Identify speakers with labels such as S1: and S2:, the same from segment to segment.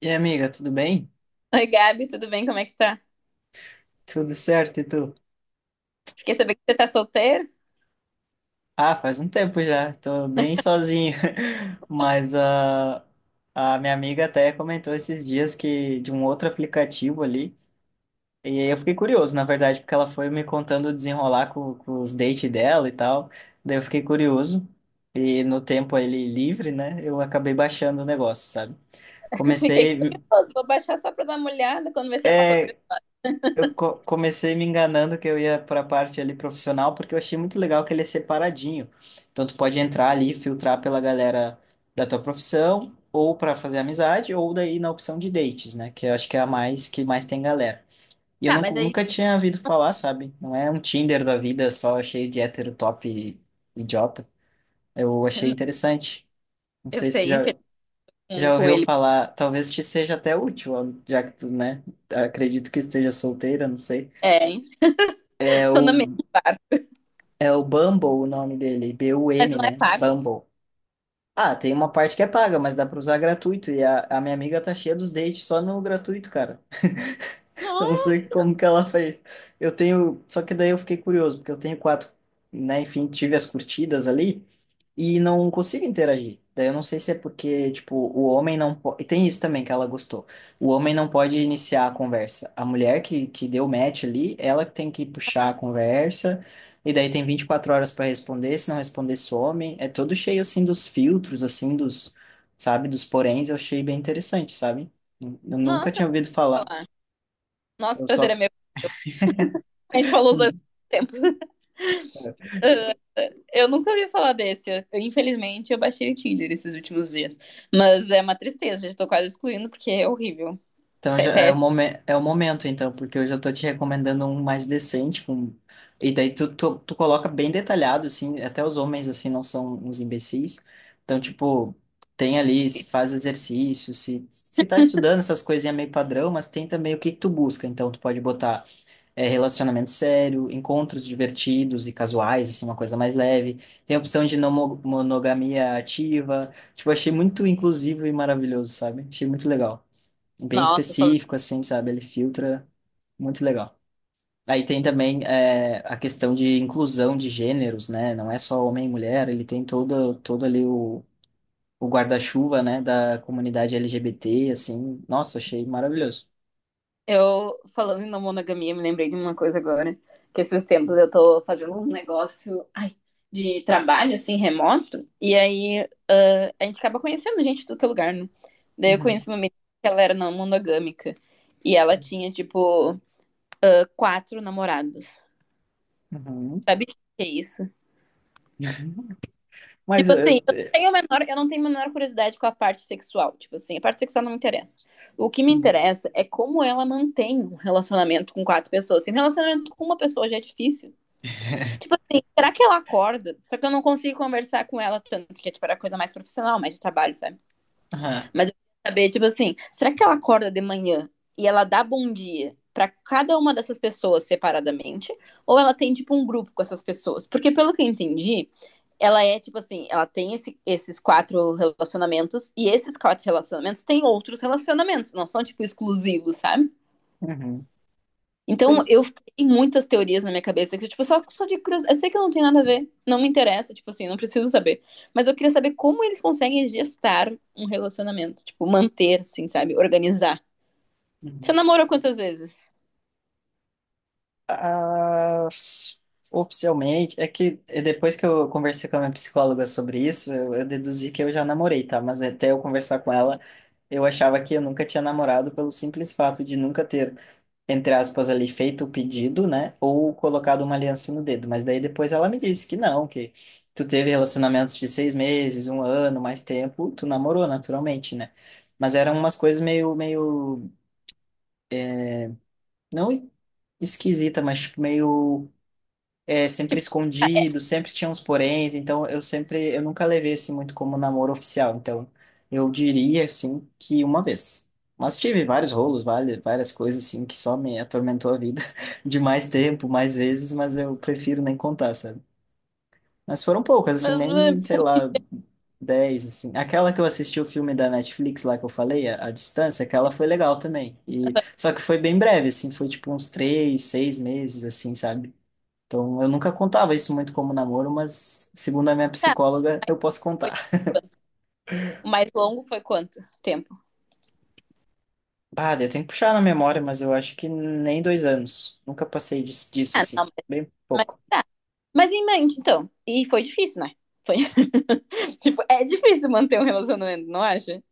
S1: E aí, amiga, tudo bem?
S2: Oi, Gabi, tudo bem? Como é que tá?
S1: Tudo certo, e tu?
S2: Fiquei sabendo que você tá solteira.
S1: Ah, faz um tempo já, tô bem sozinho. Mas a minha amiga até comentou esses dias que de um outro aplicativo ali, e aí eu fiquei curioso, na verdade, porque ela foi me contando o desenrolar com os dates dela e tal, daí eu fiquei curioso, e no tempo ele livre, né, eu acabei baixando o negócio, sabe?
S2: Fiquei
S1: Comecei.
S2: curiosa. Vou baixar só pra dar uma olhada quando você já passou três
S1: É.
S2: horas.
S1: Comecei me enganando que eu ia para a parte ali profissional, porque eu achei muito legal que ele é separadinho. Então, tu pode entrar ali e filtrar pela galera da tua profissão, ou para fazer amizade, ou daí na opção de dates, né? Que eu acho que é a mais que mais tem galera. E eu
S2: Ah,
S1: nunca,
S2: mas aí
S1: nunca tinha ouvido falar, sabe? Não é um Tinder da vida só cheio de hétero top e- idiota. Eu achei interessante. Não
S2: eu
S1: sei se tu
S2: sei,
S1: já,
S2: infelizmente com
S1: já
S2: com
S1: ouviu
S2: ele.
S1: falar, talvez te seja até útil, já que tu, né? Acredito que esteja solteira, não sei.
S2: É, hein? Tô na mesma barco,
S1: É o Bumble o nome dele,
S2: mas
S1: B-U-M,
S2: não é
S1: né?
S2: pago.
S1: Bumble. Ah, tem uma parte que é paga, mas dá pra usar gratuito. E a minha amiga tá cheia dos dates só no gratuito, cara. Eu
S2: No-
S1: não sei como que ela fez. Eu tenho. Só que daí eu fiquei curioso, porque eu tenho quatro, né? Enfim, tive as curtidas ali e não consigo interagir. Daí eu não sei se é porque, tipo, o homem não pode. E tem isso também que ela gostou. O homem não pode iniciar a conversa. A mulher que deu match ali, ela tem que puxar a conversa. E daí tem 24 horas para responder. Se não responder, some. É todo cheio, assim, dos filtros, assim, dos. Sabe? Dos poréns. Eu achei bem interessante, sabe? Eu nunca
S2: Nossa, eu
S1: tinha ouvido
S2: vou
S1: falar.
S2: falar. Nosso
S1: Eu
S2: prazer é
S1: só.
S2: meu. A gente falou os dois ao mesmo tempo. Ah, eu nunca ouvi falar desse. Infelizmente, eu baixei o Tinder esses últimos dias. Mas é uma tristeza, já tô quase excluindo porque é horrível.
S1: Então
S2: Pé-
S1: já
S2: pé-
S1: é o momento, então, porque eu já tô te recomendando um mais decente, com... E daí tu coloca bem detalhado, assim, até os homens, assim, não são uns imbecis. Então, tipo, tem ali se faz exercício, se tá estudando essas coisinhas meio padrão, mas tem também o que que tu busca. Então, tu pode botar é, relacionamento sério, encontros divertidos e casuais, assim, uma coisa mais leve. Tem a opção de não monogamia ativa. Tipo, achei muito inclusivo e maravilhoso, sabe? Achei muito legal, bem
S2: Nossa, falando
S1: específico, assim, sabe? Ele filtra muito legal. Aí tem também é, a questão de inclusão de gêneros, né? Não é só homem e mulher, ele tem todo ali o guarda-chuva, né, da comunidade LGBT, assim. Nossa, achei maravilhoso.
S2: Eu, falando em não monogamia, me lembrei de uma coisa agora. Que esses tempos eu tô fazendo um negócio, ai, de trabalho, assim, remoto. E aí, a gente acaba conhecendo gente de todo lugar, né? Daí eu
S1: Uhum,
S2: conheci uma menina que ela era não monogâmica. E ela tinha, tipo, quatro namorados.
S1: uhum.
S2: Sabe o que é isso?
S1: Mas.
S2: Tipo
S1: É,
S2: assim,
S1: é,
S2: eu não tenho a menor curiosidade com a parte sexual. Tipo assim, a parte sexual não me interessa. O que me interessa é como ela mantém um relacionamento com quatro pessoas. Se um relacionamento com uma pessoa já é difícil. Tipo assim, será que ela acorda? Só que eu não consigo conversar com ela tanto, que é tipo, era coisa mais profissional, mais de trabalho, sabe?
S1: aham,
S2: Mas eu queria saber, tipo assim, será que ela acorda de manhã e ela dá bom dia para cada uma dessas pessoas separadamente? Ou ela tem, tipo, um grupo com essas pessoas? Porque pelo que eu entendi ela é tipo assim, ela tem esses quatro relacionamentos e esses quatro relacionamentos têm outros relacionamentos, não são tipo exclusivos, sabe?
S1: uhum.
S2: Então
S1: Pois,
S2: eu tenho muitas teorias na minha cabeça que tipo só de curiosidade, eu sei que eu não tenho nada a ver, não me interessa, tipo assim, não preciso saber, mas eu queria saber como eles conseguem gestar um relacionamento, tipo manter, assim, sabe, organizar. Você
S1: uhum.
S2: namorou quantas vezes?
S1: Ah, oficialmente, é que é, depois que eu conversei com a minha psicóloga sobre isso, eu deduzi que eu já namorei, tá? Mas até eu conversar com ela. Eu achava que eu nunca tinha namorado pelo simples fato de nunca ter, entre aspas, ali feito o pedido, né? Ou colocado uma aliança no dedo. Mas daí depois ela me disse que não, que tu teve relacionamentos de 6 meses, um ano, mais tempo, tu namorou naturalmente, né? Mas eram umas coisas meio, não esquisita, mas tipo, meio é, sempre
S2: Tipo,
S1: escondido, sempre tinha uns poréns, então eu sempre, eu nunca levei assim muito como namoro oficial, então eu diria assim que uma vez. Mas tive vários rolos, várias, várias coisas assim que só me atormentou a vida de mais tempo, mais vezes, mas eu prefiro nem contar, sabe? Mas foram poucas, assim, nem, sei lá, 10 assim. Aquela que eu assisti o filme da Netflix lá que eu falei, a Distância, aquela foi legal também. E, só que foi bem breve, assim, foi tipo uns três, seis meses, assim, sabe? Então, eu nunca contava isso muito como namoro, mas segundo a minha
S2: tá,
S1: psicóloga, eu posso contar.
S2: o mais longo foi quanto tempo?
S1: Ah, eu tenho que puxar na memória, mas eu acho que nem 2 anos. Nunca passei disso,
S2: Ah, não,
S1: assim,
S2: mas,
S1: bem
S2: mas
S1: pouco.
S2: tá. Mas em mente, então. E foi difícil, né? Foi, tipo, é difícil manter um relacionamento, não acha?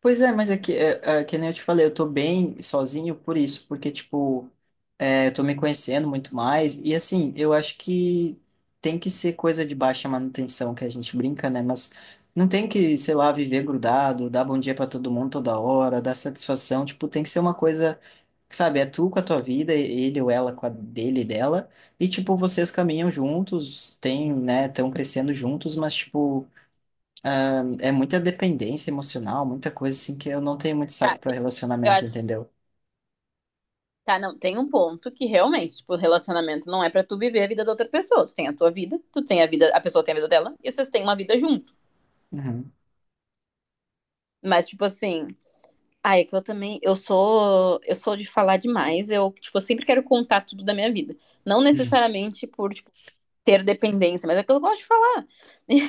S1: Pois é, mas é que nem eu te falei, eu tô bem sozinho por isso, porque, tipo, é, eu tô me conhecendo muito mais, e assim, eu acho que tem que ser coisa de baixa manutenção, que a gente brinca, né? Mas não tem que, sei lá, viver grudado, dar bom dia pra todo mundo toda hora, dar satisfação, tipo, tem que ser uma coisa. Sabe, é tu com a tua vida, ele ou ela com a dele e dela, e tipo, vocês caminham juntos, tem, né, estão crescendo juntos, mas tipo, é muita dependência emocional, muita coisa assim que eu não tenho muito
S2: Tá,
S1: saco para
S2: eu
S1: relacionamento,
S2: acho que
S1: entendeu?
S2: tá, não, tem um ponto que realmente, tipo, relacionamento não é pra tu viver a vida da outra pessoa. Tu tem a tua vida, tu tem a vida, a pessoa tem a vida dela, e vocês têm uma vida junto.
S1: Uhum.
S2: Mas, tipo assim, ai, é que eu também, eu sou de falar demais, eu, tipo, eu sempre quero contar tudo da minha vida. Não necessariamente por, tipo, ter dependência, mas é o que eu gosto de falar.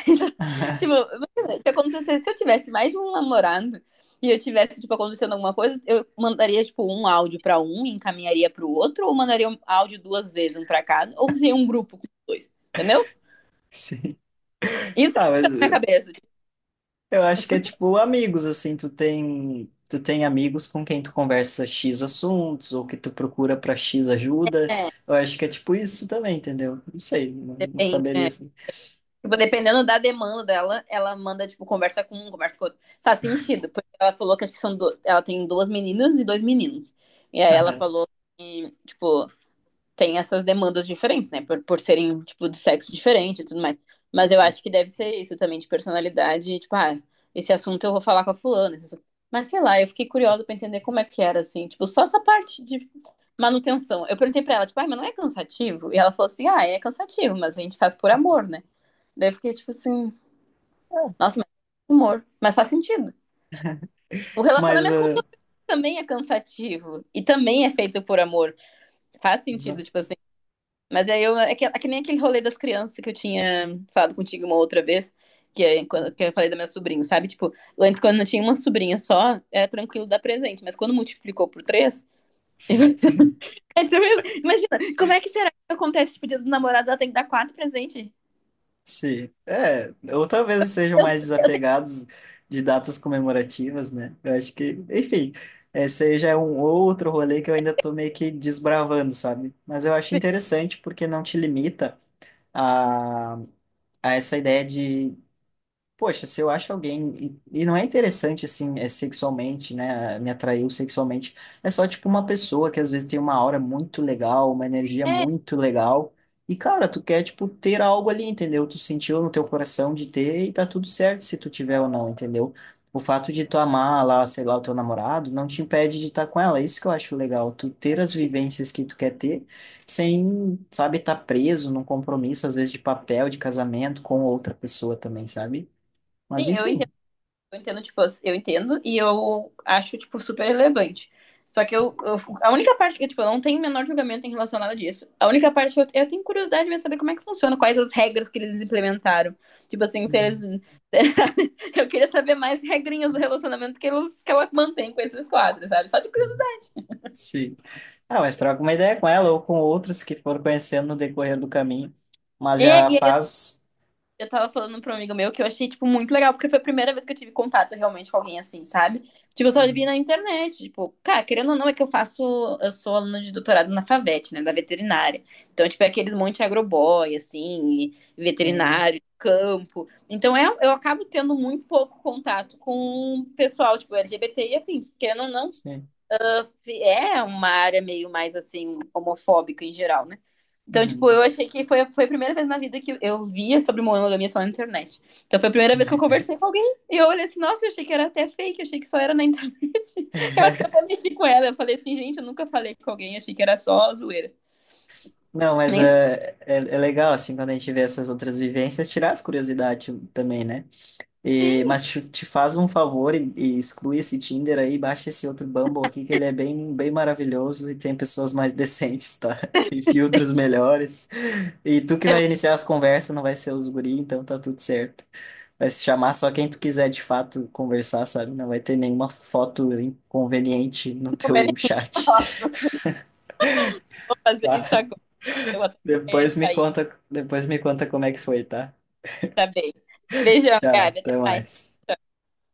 S2: Então, tipo, imagina, se acontecesse, se eu tivesse mais de um namorado e eu tivesse, tipo, acontecendo alguma coisa, eu mandaria, tipo, um áudio pra um e encaminharia pro outro, ou mandaria um áudio duas vezes, um pra cada, ou seria um grupo com dois, entendeu?
S1: Sim.
S2: Isso que
S1: Ah, mas
S2: fica na minha
S1: uh,
S2: cabeça. Tipo,
S1: eu acho que é tipo amigos, assim, tu tem amigos com quem tu conversa X assuntos, ou que tu procura pra X ajuda.
S2: é,
S1: Eu acho que é tipo isso também, entendeu? Não sei, não, não
S2: depende.
S1: saberia
S2: É.
S1: assim.
S2: Tipo, dependendo da demanda dela, ela manda, tipo, conversa com um, conversa com outro. Faz sentido, porque ela falou que acho que são do... ela tem duas meninas e dois meninos. E aí ela
S1: Aham.
S2: falou que, tipo, tem essas demandas diferentes, né? Por serem, tipo, de sexo diferente e tudo mais. Mas eu
S1: Sim.
S2: acho que deve ser isso também, de personalidade, tipo, esse assunto eu vou falar com a fulana. Mas sei lá, eu fiquei curiosa pra entender como é que era, assim, tipo, só essa parte de manutenção. Eu perguntei pra ela, tipo, ah mas não é cansativo? E ela falou assim, ah, é cansativo, mas a gente faz por amor, né? Daí eu fiquei, tipo assim, nossa, mas humor. Mas faz sentido. O
S1: Mas,
S2: relacionamento com
S1: eh,
S2: também é cansativo e também é feito por amor. Faz sentido, tipo assim. Mas aí eu. É que nem aquele rolê das crianças que eu tinha falado contigo uma outra vez, que eu falei da minha sobrinha, sabe? Tipo, antes quando eu tinha uma sobrinha só, era tranquilo dar presente, mas quando multiplicou por três. É tipo isso. Imagina, como é que será que acontece? Tipo, dia dos namorados, ela tem que dar quatro presentes.
S1: sim, é, ou talvez sejam
S2: Eu,
S1: mais
S2: eu tenho.
S1: desapegados de datas comemorativas, né? Eu acho que, enfim, esse aí já é um outro rolê que eu ainda tô meio que desbravando, sabe? Mas eu acho interessante porque não te limita a, a essa ideia de: poxa, se eu acho alguém, e não é interessante assim, é sexualmente, né? Me atraiu sexualmente. É só tipo uma pessoa que às vezes tem uma aura muito legal, uma energia
S2: É,
S1: muito legal. E cara, tu quer tipo ter algo ali, entendeu? Tu sentiu no teu coração de ter e tá tudo certo se tu tiver ou não, entendeu? O fato de tu amar lá, sei lá, o teu namorado não te impede de estar com ela. Isso que eu acho legal, tu ter as vivências que tu quer ter sem, sabe, estar preso num compromisso às vezes de papel, de casamento com outra pessoa também, sabe? Mas
S2: sim, eu entendo.
S1: enfim,
S2: Eu entendo, tipo, eu entendo e eu acho, tipo, super relevante. Só que a única parte que, tipo, eu não tenho o menor julgamento em relação a nada disso. A única parte que eu tenho curiosidade de saber como é que funciona, quais as regras que eles implementaram. Tipo assim, se eles.
S1: uhum,
S2: Eu queria saber mais regrinhas do relacionamento que, eles, que ela mantém com esses quadros, sabe? Só de
S1: uhum.
S2: curiosidade.
S1: Sim. Ah, mas troca uma ideia com ela ou com outros que foram conhecendo no decorrer do caminho. Mas
S2: É,
S1: já
S2: e
S1: faz.
S2: eu tava falando pra um amigo meu que eu achei, tipo, muito legal, porque foi a primeira vez que eu tive contato realmente com alguém assim, sabe? Tipo, eu só vi
S1: Uhum.
S2: na internet, tipo, cara, querendo ou não, é que eu faço, eu sou aluna de doutorado na FAVET, né, da veterinária. Então, tipo, é aqueles monte de agroboy, assim, e
S1: Hum,
S2: veterinário, campo. Então, eu acabo tendo muito pouco contato com o pessoal, tipo, LGBT e afins. Querendo ou não,
S1: sim.
S2: é uma área meio mais assim homofóbica em geral, né? Então, tipo,
S1: Uhum.
S2: eu achei que foi a primeira vez na vida que eu via sobre monogamia só na internet. Então, foi a primeira vez que eu conversei com alguém e eu olhei assim, nossa, eu achei que era até fake, eu achei que só era na internet. Eu acho que eu até mexi com ela. Eu falei assim, gente, eu nunca falei com alguém, achei que era só zoeira.
S1: Não, mas
S2: Nem sei.
S1: é, é, é legal, assim, quando a gente vê essas outras vivências, tirar as curiosidades também, né? E,
S2: Sim,
S1: mas te faz um favor e exclui esse Tinder aí, baixa esse outro Bumble aqui, que ele é bem, bem maravilhoso e tem pessoas mais decentes, tá? E filtros melhores. E tu que
S2: eu vou
S1: vai iniciar as conversas, não vai ser os guri, então tá tudo certo. Vai se chamar só quem tu quiser de fato conversar, sabe? Não vai ter nenhuma foto inconveniente no teu chat,
S2: fazer isso
S1: tá?
S2: agora. Eu vou até sair,
S1: Depois me conta como é que foi, tá?
S2: tá bem. Beijão,
S1: Tchau,
S2: Gabi, até
S1: até
S2: mais.
S1: mais.